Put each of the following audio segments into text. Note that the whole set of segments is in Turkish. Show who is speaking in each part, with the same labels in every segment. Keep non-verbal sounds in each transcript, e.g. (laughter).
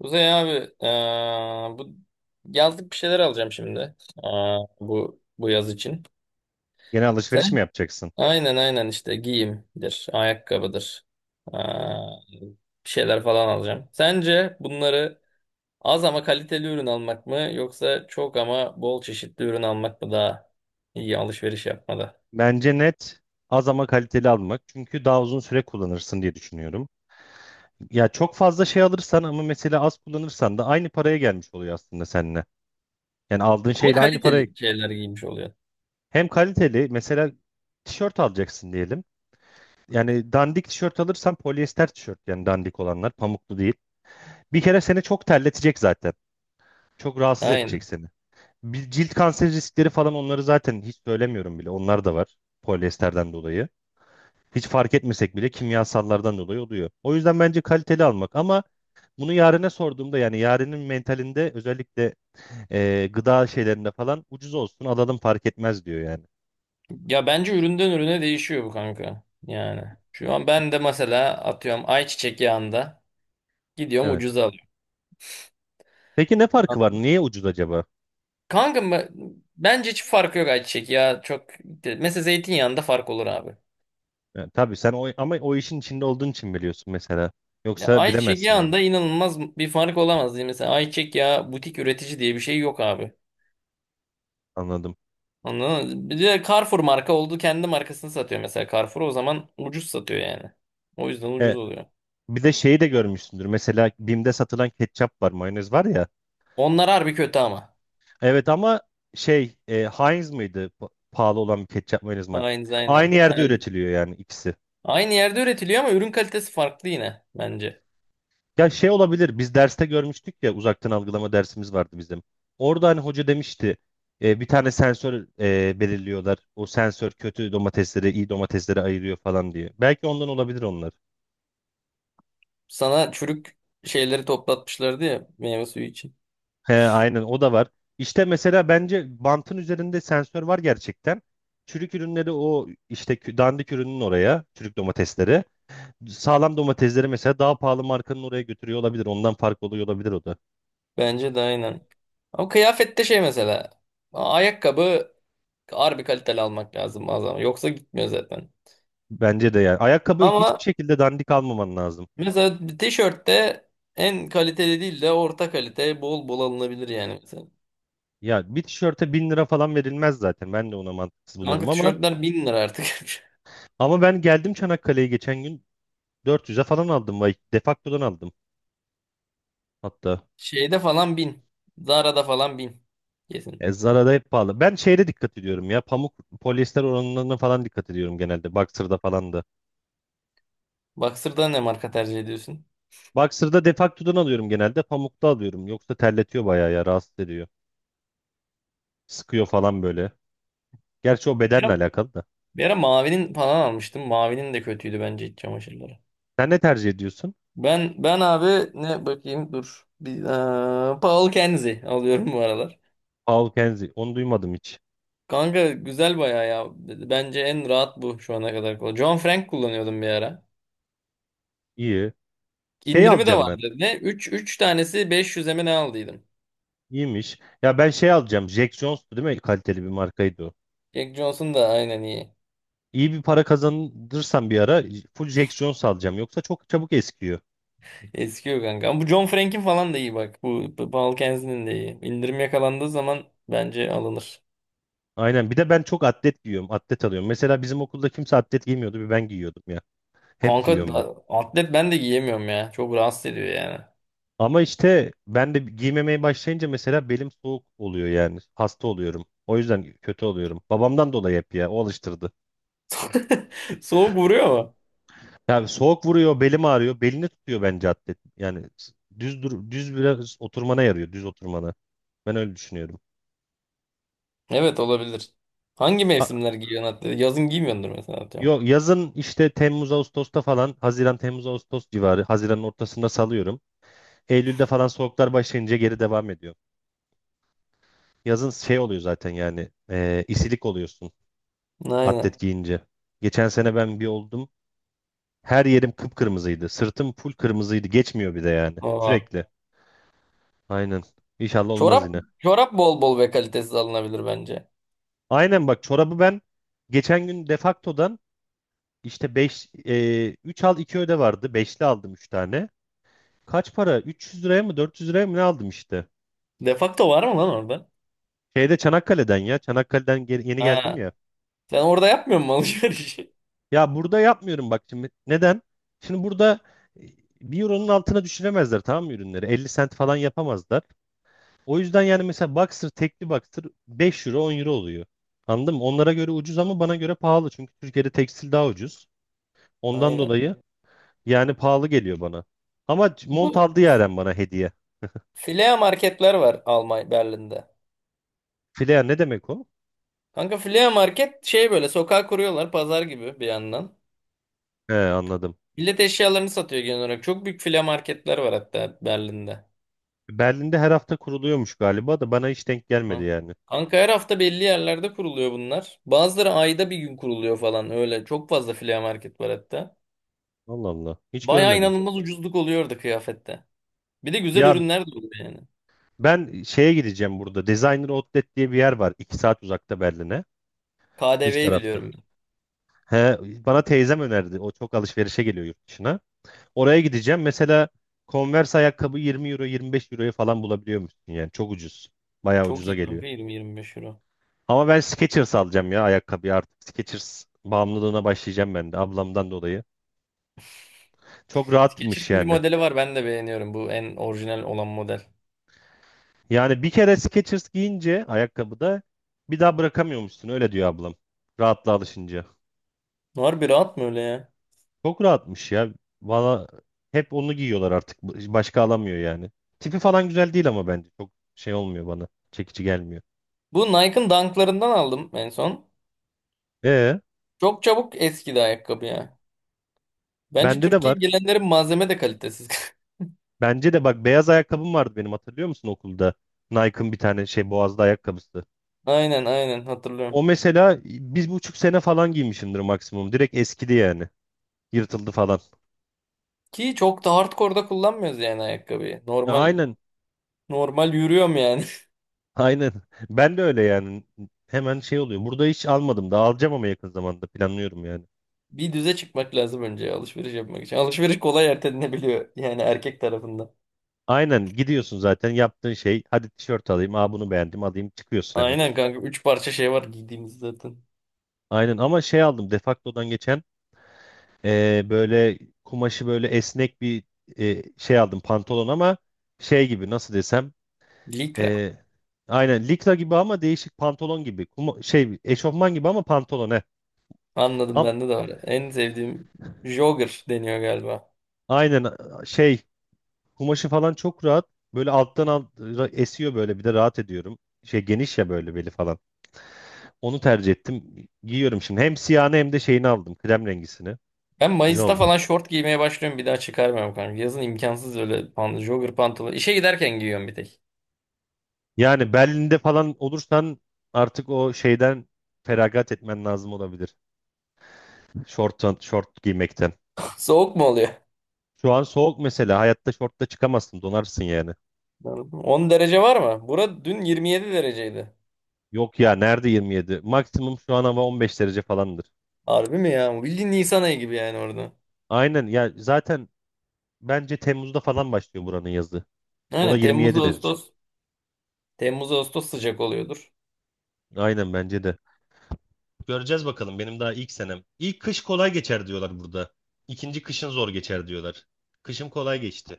Speaker 1: Kuzey abi, bu yazlık bir şeyler alacağım şimdi. Aa, bu yaz için.
Speaker 2: Yeni alışveriş
Speaker 1: Sen
Speaker 2: mi yapacaksın?
Speaker 1: aynen aynen işte giyimdir, ayakkabıdır. Aa, bir şeyler falan alacağım. Sence bunları az ama kaliteli ürün almak mı yoksa çok ama bol çeşitli ürün almak mı daha iyi alışveriş yapmada?
Speaker 2: Bence net az ama kaliteli almak. Çünkü daha uzun süre kullanırsın diye düşünüyorum. Ya çok fazla şey alırsan ama mesela az kullanırsan da aynı paraya gelmiş oluyor aslında seninle. Yani aldığın
Speaker 1: Ama
Speaker 2: şeyle aynı paraya.
Speaker 1: kaliteli şeyler giymiş oluyor.
Speaker 2: Hem kaliteli mesela tişört alacaksın diyelim. Yani dandik tişört alırsan polyester tişört yani dandik olanlar pamuklu değil. Bir kere seni çok terletecek zaten. Çok rahatsız edecek
Speaker 1: Aynen.
Speaker 2: seni. Bir cilt kanseri riskleri falan onları zaten hiç söylemiyorum bile. Onlar da var polyesterden dolayı. Hiç fark etmesek bile kimyasallardan dolayı oluyor. O yüzden bence kaliteli almak ama bunu yarına sorduğumda yani yarının mentalinde özellikle gıda şeylerinde falan ucuz olsun alalım fark etmez diyor yani.
Speaker 1: Ya bence üründen ürüne değişiyor bu kanka. Yani şu an ben de mesela atıyorum ayçiçek yağında gidiyorum,
Speaker 2: Evet.
Speaker 1: ucuza alıyorum.
Speaker 2: Peki ne farkı var? Niye ucuz acaba?
Speaker 1: Kanka, bence hiç farkı yok ayçiçek ya. Çok mesela zeytinyağında fark olur abi.
Speaker 2: Yani tabii sen o, ama o işin içinde olduğun için biliyorsun mesela.
Speaker 1: Ya
Speaker 2: Yoksa
Speaker 1: ayçiçek
Speaker 2: bilemezsin onu.
Speaker 1: yağında inanılmaz bir fark olamaz diye. Mesela ayçiçek yağı butik üretici diye bir şey yok abi.
Speaker 2: Anladım.
Speaker 1: Anladın mı? Bir de Carrefour marka oldu, kendi markasını satıyor mesela Carrefour, o zaman ucuz satıyor yani. O yüzden
Speaker 2: E,
Speaker 1: ucuz oluyor.
Speaker 2: bir de şeyi de görmüşsündür. Mesela Bim'de satılan ketçap var, mayonez var ya.
Speaker 1: Onlar harbi kötü ama.
Speaker 2: Evet ama şey Heinz mıydı? Pahalı olan bir ketçap mayonez marka.
Speaker 1: Aynen
Speaker 2: Aynı
Speaker 1: aynen.
Speaker 2: yerde
Speaker 1: Yani
Speaker 2: üretiliyor yani ikisi.
Speaker 1: aynı yerde üretiliyor ama ürün kalitesi farklı yine bence.
Speaker 2: Ya şey olabilir biz derste görmüştük ya uzaktan algılama dersimiz vardı bizim. Orada hani hoca demişti bir tane sensör belirliyorlar. O sensör kötü domatesleri iyi domatesleri ayırıyor falan diye. Belki ondan olabilir onlar.
Speaker 1: Sana çürük şeyleri toplatmışlardı ya meyve suyu için.
Speaker 2: He, aynen o da var. İşte mesela bence bantın üzerinde sensör var gerçekten. Çürük ürünleri o işte dandik ürünün oraya çürük domatesleri. Sağlam domatesleri mesela daha pahalı markanın oraya götürüyor olabilir. Ondan fark oluyor olabilir o da.
Speaker 1: Bence de aynen. Ama kıyafette şey mesela. Ayakkabı harbi kaliteli almak lazım bazen. Yoksa gitmiyor zaten.
Speaker 2: Bence de yani. Ayakkabı hiçbir
Speaker 1: Ama
Speaker 2: şekilde dandik almaman lazım.
Speaker 1: mesela bir tişörtte en kaliteli değil de orta kalite bol bol alınabilir yani mesela.
Speaker 2: Ya bir tişörte 1.000 lira falan verilmez zaten. Ben de ona mantıksız buluyorum
Speaker 1: Kanka
Speaker 2: ama
Speaker 1: tişörtler 1.000 lira artık. (laughs)
Speaker 2: ben geldim Çanakkale'ye geçen gün 400'e falan aldım. Vay, Defakto'dan aldım hatta.
Speaker 1: Şeyde falan 1.000. Zara'da falan 1.000. Kesin.
Speaker 2: E, Zara'da hep pahalı. Ben şeyde dikkat ediyorum ya. Pamuk polyester oranlarına falan dikkat ediyorum genelde. Boxer'da falan da.
Speaker 1: Boxer'da ne marka tercih ediyorsun?
Speaker 2: Boxer'da Defakto'dan alıyorum genelde. Pamukta alıyorum. Yoksa terletiyor bayağı ya. Rahatsız ediyor. Sıkıyor falan böyle. Gerçi o
Speaker 1: Bir
Speaker 2: bedenle
Speaker 1: ara,
Speaker 2: alakalı da.
Speaker 1: bir ara mavinin falan almıştım. Mavinin de kötüydü bence iç çamaşırları.
Speaker 2: Sen ne tercih ediyorsun?
Speaker 1: Ben abi ne bakayım dur. Bir, Paul Kenzie alıyorum bu aralar.
Speaker 2: Paul Kenzie. Onu duymadım hiç.
Speaker 1: Kanka güzel bayağı ya. Bence en rahat bu şu ana kadar. John Frank kullanıyordum bir ara.
Speaker 2: İyi. Şey
Speaker 1: İndirimi de
Speaker 2: alacağım ben.
Speaker 1: vardı. Ne? Üç tanesi 500'e mi ne aldıydım.
Speaker 2: İyiymiş. Ya ben şey alacağım. Jack Jones'tu değil mi? Kaliteli bir markaydı o.
Speaker 1: Jack Johnson da aynen iyi.
Speaker 2: İyi bir para kazanırsam bir ara full Jack Jones alacağım. Yoksa çok çabuk eskiyor.
Speaker 1: Eskiyor kanka. Ama bu John Frank'in falan da iyi bak. Bu Paul Kensley'nin de iyi. İndirim yakalandığı zaman bence alınır.
Speaker 2: Aynen. Bir de ben çok atlet giyiyorum. Atlet alıyorum. Mesela bizim okulda kimse atlet giymiyordu. Bir ben giyiyordum ya. Hep
Speaker 1: Kanka,
Speaker 2: giyiyorum ben.
Speaker 1: atlet ben de giyemiyorum ya. Çok rahatsız ediyor yani.
Speaker 2: Ama işte ben de giymemeye başlayınca mesela belim soğuk oluyor yani. Hasta oluyorum. O yüzden kötü oluyorum. Babamdan dolayı hep ya. O alıştırdı.
Speaker 1: (laughs) Soğuk vuruyor mu?
Speaker 2: Yani soğuk vuruyor, belim ağrıyor. Belini tutuyor bence atlet. Yani düz dur, düz biraz oturmana yarıyor, düz oturmana. Ben öyle düşünüyorum.
Speaker 1: Evet olabilir. Hangi
Speaker 2: A-
Speaker 1: mevsimler giyiyorsun atlet? Yazın giymiyordur mesela atıyorum.
Speaker 2: Yok, yazın işte Temmuz Ağustos'ta falan Haziran Temmuz Ağustos civarı Haziran'ın ortasında salıyorum. Eylül'de falan soğuklar başlayınca geri devam ediyor. Yazın şey oluyor zaten yani isilik oluyorsun
Speaker 1: Aynen.
Speaker 2: atlet giyince. Geçen sene ben bir oldum. Her yerim kıpkırmızıydı. Sırtım full kırmızıydı. Geçmiyor bir de yani.
Speaker 1: O.
Speaker 2: Sürekli. Aynen. İnşallah olmaz
Speaker 1: Çorap
Speaker 2: yine.
Speaker 1: çorap bol bol ve kalitesiz alınabilir bence.
Speaker 2: Aynen bak çorabı ben geçen gün Defakto'dan işte 5 3 al 2 öde vardı. 5'li aldım 3 tane. Kaç para? 300 liraya mı 400 liraya mı ne aldım işte.
Speaker 1: Defakto var mı lan orada?
Speaker 2: Şeyde Çanakkale'den ya. Çanakkale'den yeni geldim
Speaker 1: Ha,
Speaker 2: ya.
Speaker 1: sen orada yapmıyor musun alışverişi?
Speaker 2: Ya burada yapmıyorum bak şimdi. Neden? Şimdi burada e, bir euronun altına düşüremezler tamam mı ürünleri? 50 sent falan yapamazlar. O yüzden yani mesela Boxer tekli Boxer 5 euro 10 euro oluyor. Anladın mı? Onlara göre ucuz ama bana göre pahalı. Çünkü Türkiye'de tekstil daha ucuz.
Speaker 1: (laughs)
Speaker 2: Ondan
Speaker 1: Aynen.
Speaker 2: dolayı yani pahalı geliyor bana. Ama mont
Speaker 1: Bu
Speaker 2: aldı Yaren bana hediye.
Speaker 1: Flea marketler var Almanya Berlin'de.
Speaker 2: Flair ne demek o?
Speaker 1: Kanka Flea market şey böyle sokağa kuruyorlar, pazar gibi bir yandan.
Speaker 2: He, anladım.
Speaker 1: Millet eşyalarını satıyor genel olarak. Çok büyük Flea marketler var hatta Berlin'de.
Speaker 2: Berlin'de her hafta kuruluyormuş galiba da bana hiç denk gelmedi
Speaker 1: Hı.
Speaker 2: yani.
Speaker 1: Kanka her hafta belli yerlerde kuruluyor bunlar. Bazıları ayda bir gün kuruluyor falan öyle. Çok fazla Flea market var hatta.
Speaker 2: Allah Allah. Hiç
Speaker 1: Baya
Speaker 2: görmedim.
Speaker 1: inanılmaz ucuzluk oluyordu kıyafette. Bir de güzel
Speaker 2: Ya
Speaker 1: ürünler de oluyor yani.
Speaker 2: ben şeye gideceğim burada. Designer Outlet diye bir yer var. İki saat uzakta Berlin'e. Dış
Speaker 1: KDV'yi
Speaker 2: tarafta.
Speaker 1: biliyorum ben.
Speaker 2: He, bana teyzem önerdi. O çok alışverişe geliyor yurt dışına. Oraya gideceğim. Mesela Converse ayakkabı 20 euro 25 euroya falan bulabiliyormuşsun yani. Çok ucuz. Bayağı
Speaker 1: Çok
Speaker 2: ucuza
Speaker 1: iyi
Speaker 2: geliyor.
Speaker 1: kanka, 20-25 euro.
Speaker 2: Ama ben Skechers alacağım ya ayakkabıyı artık. Skechers bağımlılığına başlayacağım ben de ablamdan dolayı. Çok rahatmış
Speaker 1: Skechers'ın bir
Speaker 2: yani.
Speaker 1: modeli var ben de beğeniyorum. Bu en orijinal olan model.
Speaker 2: Yani bir kere Skechers giyince ayakkabıda bir daha bırakamıyormuşsun öyle diyor ablam. Rahatla alışınca.
Speaker 1: Harbi rahat mı öyle ya?
Speaker 2: Çok rahatmış ya. Valla hep onu giyiyorlar artık. Başka alamıyor yani. Tipi falan güzel değil ama bence. Çok şey olmuyor bana. Çekici gelmiyor.
Speaker 1: Bu Nike'ın Dunk'larından aldım en son.
Speaker 2: E,
Speaker 1: Çok çabuk eskidi ayakkabı ya. Bence
Speaker 2: bende de var.
Speaker 1: Türkiye'ye gelenlerin malzeme de kalitesiz. (laughs)
Speaker 2: Bence de bak beyaz ayakkabım vardı benim hatırlıyor musun okulda? Nike'ın bir tane şey boğazlı ayakkabısı.
Speaker 1: Aynen aynen
Speaker 2: O
Speaker 1: hatırlıyorum.
Speaker 2: mesela bir buçuk sene falan giymişimdir maksimum. Direkt eskidi yani. Yırtıldı falan.
Speaker 1: Ki çok da hardcore'da kullanmıyoruz yani ayakkabıyı.
Speaker 2: Ya
Speaker 1: Normal
Speaker 2: aynen.
Speaker 1: normal yürüyorum yani.
Speaker 2: Aynen. (laughs) Ben de öyle yani. Hemen şey oluyor. Burada hiç almadım da alacağım ama yakın zamanda planlıyorum yani.
Speaker 1: (laughs) Bir düze çıkmak lazım önce alışveriş yapmak için. Alışveriş kolay ertelenebiliyor yani erkek tarafından.
Speaker 2: Aynen gidiyorsun zaten yaptığın şey. Hadi tişört alayım. Aa, bunu beğendim alayım. Çıkıyorsun hemen.
Speaker 1: Aynen kanka. 3 parça şey var giydiğimiz zaten.
Speaker 2: Aynen ama şey aldım Defacto'dan geçen böyle kumaşı böyle esnek bir şey aldım pantolon ama şey gibi nasıl desem.
Speaker 1: Likra.
Speaker 2: Ee, aynen likra gibi ama değişik pantolon gibi. Şey eşofman gibi ama pantolon he.
Speaker 1: Anladım,
Speaker 2: Am-
Speaker 1: bende de var. En sevdiğim jogger deniyor galiba.
Speaker 2: aynen şey kumaşı falan çok rahat. Böyle alttan esiyor böyle bir de rahat ediyorum. Şey geniş ya böyle beli falan. Onu tercih ettim. Giyiyorum şimdi. Hem siyahını hem de şeyini aldım. Krem rengisini.
Speaker 1: Ben
Speaker 2: Güzel
Speaker 1: Mayıs'ta
Speaker 2: oldu.
Speaker 1: falan şort giymeye başlıyorum. Bir daha çıkarmıyorum kanka. Yazın imkansız öyle pant jogger pantolon. İşe giderken giyiyorum bir tek.
Speaker 2: Yani Berlin'de falan olursan artık o şeyden feragat etmen lazım olabilir. Şort, giymekten.
Speaker 1: (laughs) Soğuk mu oluyor?
Speaker 2: Şu an soğuk mesela. Hayatta şortla çıkamazsın. Donarsın yani.
Speaker 1: 10 derece var mı? Bura dün 27 dereceydi.
Speaker 2: Yok ya nerede 27? Maksimum şu an hava 15 derece falandır.
Speaker 1: Harbi mi ya? Bildiğin Nisan ayı gibi yani orada.
Speaker 2: Aynen ya zaten bence Temmuz'da falan başlıyor buranın yazı. O da
Speaker 1: Aynen, Temmuz
Speaker 2: 27 derece.
Speaker 1: Ağustos. Temmuz Ağustos sıcak oluyordur.
Speaker 2: Aynen bence de. Göreceğiz bakalım benim daha ilk senem. İlk kış kolay geçer diyorlar burada. İkinci kışın zor geçer diyorlar. Kışım kolay geçti.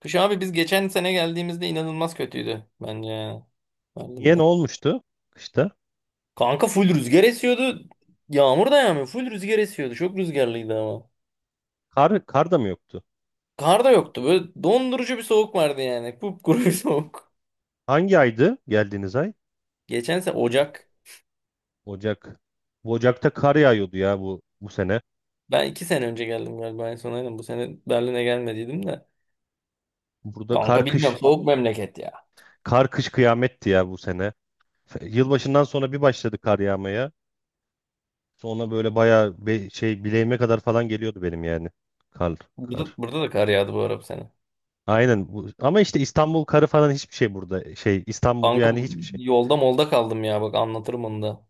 Speaker 1: Kış abi, biz geçen sene geldiğimizde inanılmaz kötüydü bence yani.
Speaker 2: Niye ne
Speaker 1: Berlin'de.
Speaker 2: olmuştu kışta?
Speaker 1: Kanka full rüzgar esiyordu. Yağmur da yağmıyor. Full rüzgar esiyordu. Çok rüzgarlıydı ama.
Speaker 2: Kar, da mı yoktu?
Speaker 1: Kar da yoktu. Böyle dondurucu bir soğuk vardı yani. Kupkuru bir (laughs) soğuk.
Speaker 2: Hangi aydı geldiğiniz ay?
Speaker 1: Geçen sene Ocak.
Speaker 2: Ocak. Bu Ocak'ta kar yağıyordu ya bu sene.
Speaker 1: Ben 2 sene önce geldim galiba en son, aynen. Bu sene Berlin'e gelmediydim de.
Speaker 2: Burada kar
Speaker 1: Kanka bilmiyorum,
Speaker 2: kış
Speaker 1: soğuk memleket ya.
Speaker 2: kıyametti ya bu sene. Yılbaşından sonra bir başladı kar yağmaya. Sonra böyle bayağı şey bileğime kadar falan geliyordu benim yani. Kar,
Speaker 1: Burada,
Speaker 2: kar.
Speaker 1: burada da kar yağdı bu ara bu sene.
Speaker 2: Aynen bu. Ama işte İstanbul karı falan hiçbir şey burada. Şey İstanbul
Speaker 1: Kanka
Speaker 2: yani hiçbir şey.
Speaker 1: yolda molda kaldım ya, bak anlatırım onu da.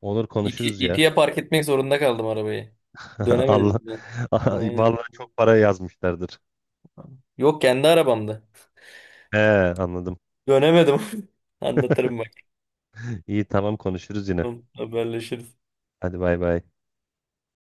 Speaker 2: Olur
Speaker 1: İti,
Speaker 2: konuşuruz ya.
Speaker 1: itiye park etmek zorunda kaldım arabayı.
Speaker 2: (laughs)
Speaker 1: Dönemedim
Speaker 2: Allah.
Speaker 1: ben.
Speaker 2: (laughs)
Speaker 1: Aynen.
Speaker 2: Vallahi çok para yazmışlardır.
Speaker 1: Yok, kendi arabamda.
Speaker 2: He, anladım.
Speaker 1: Dönemedim. (laughs) Anlatırım bak.
Speaker 2: İyi, tamam konuşuruz yine.
Speaker 1: Tamam, haberleşiriz.
Speaker 2: Hadi bay bay.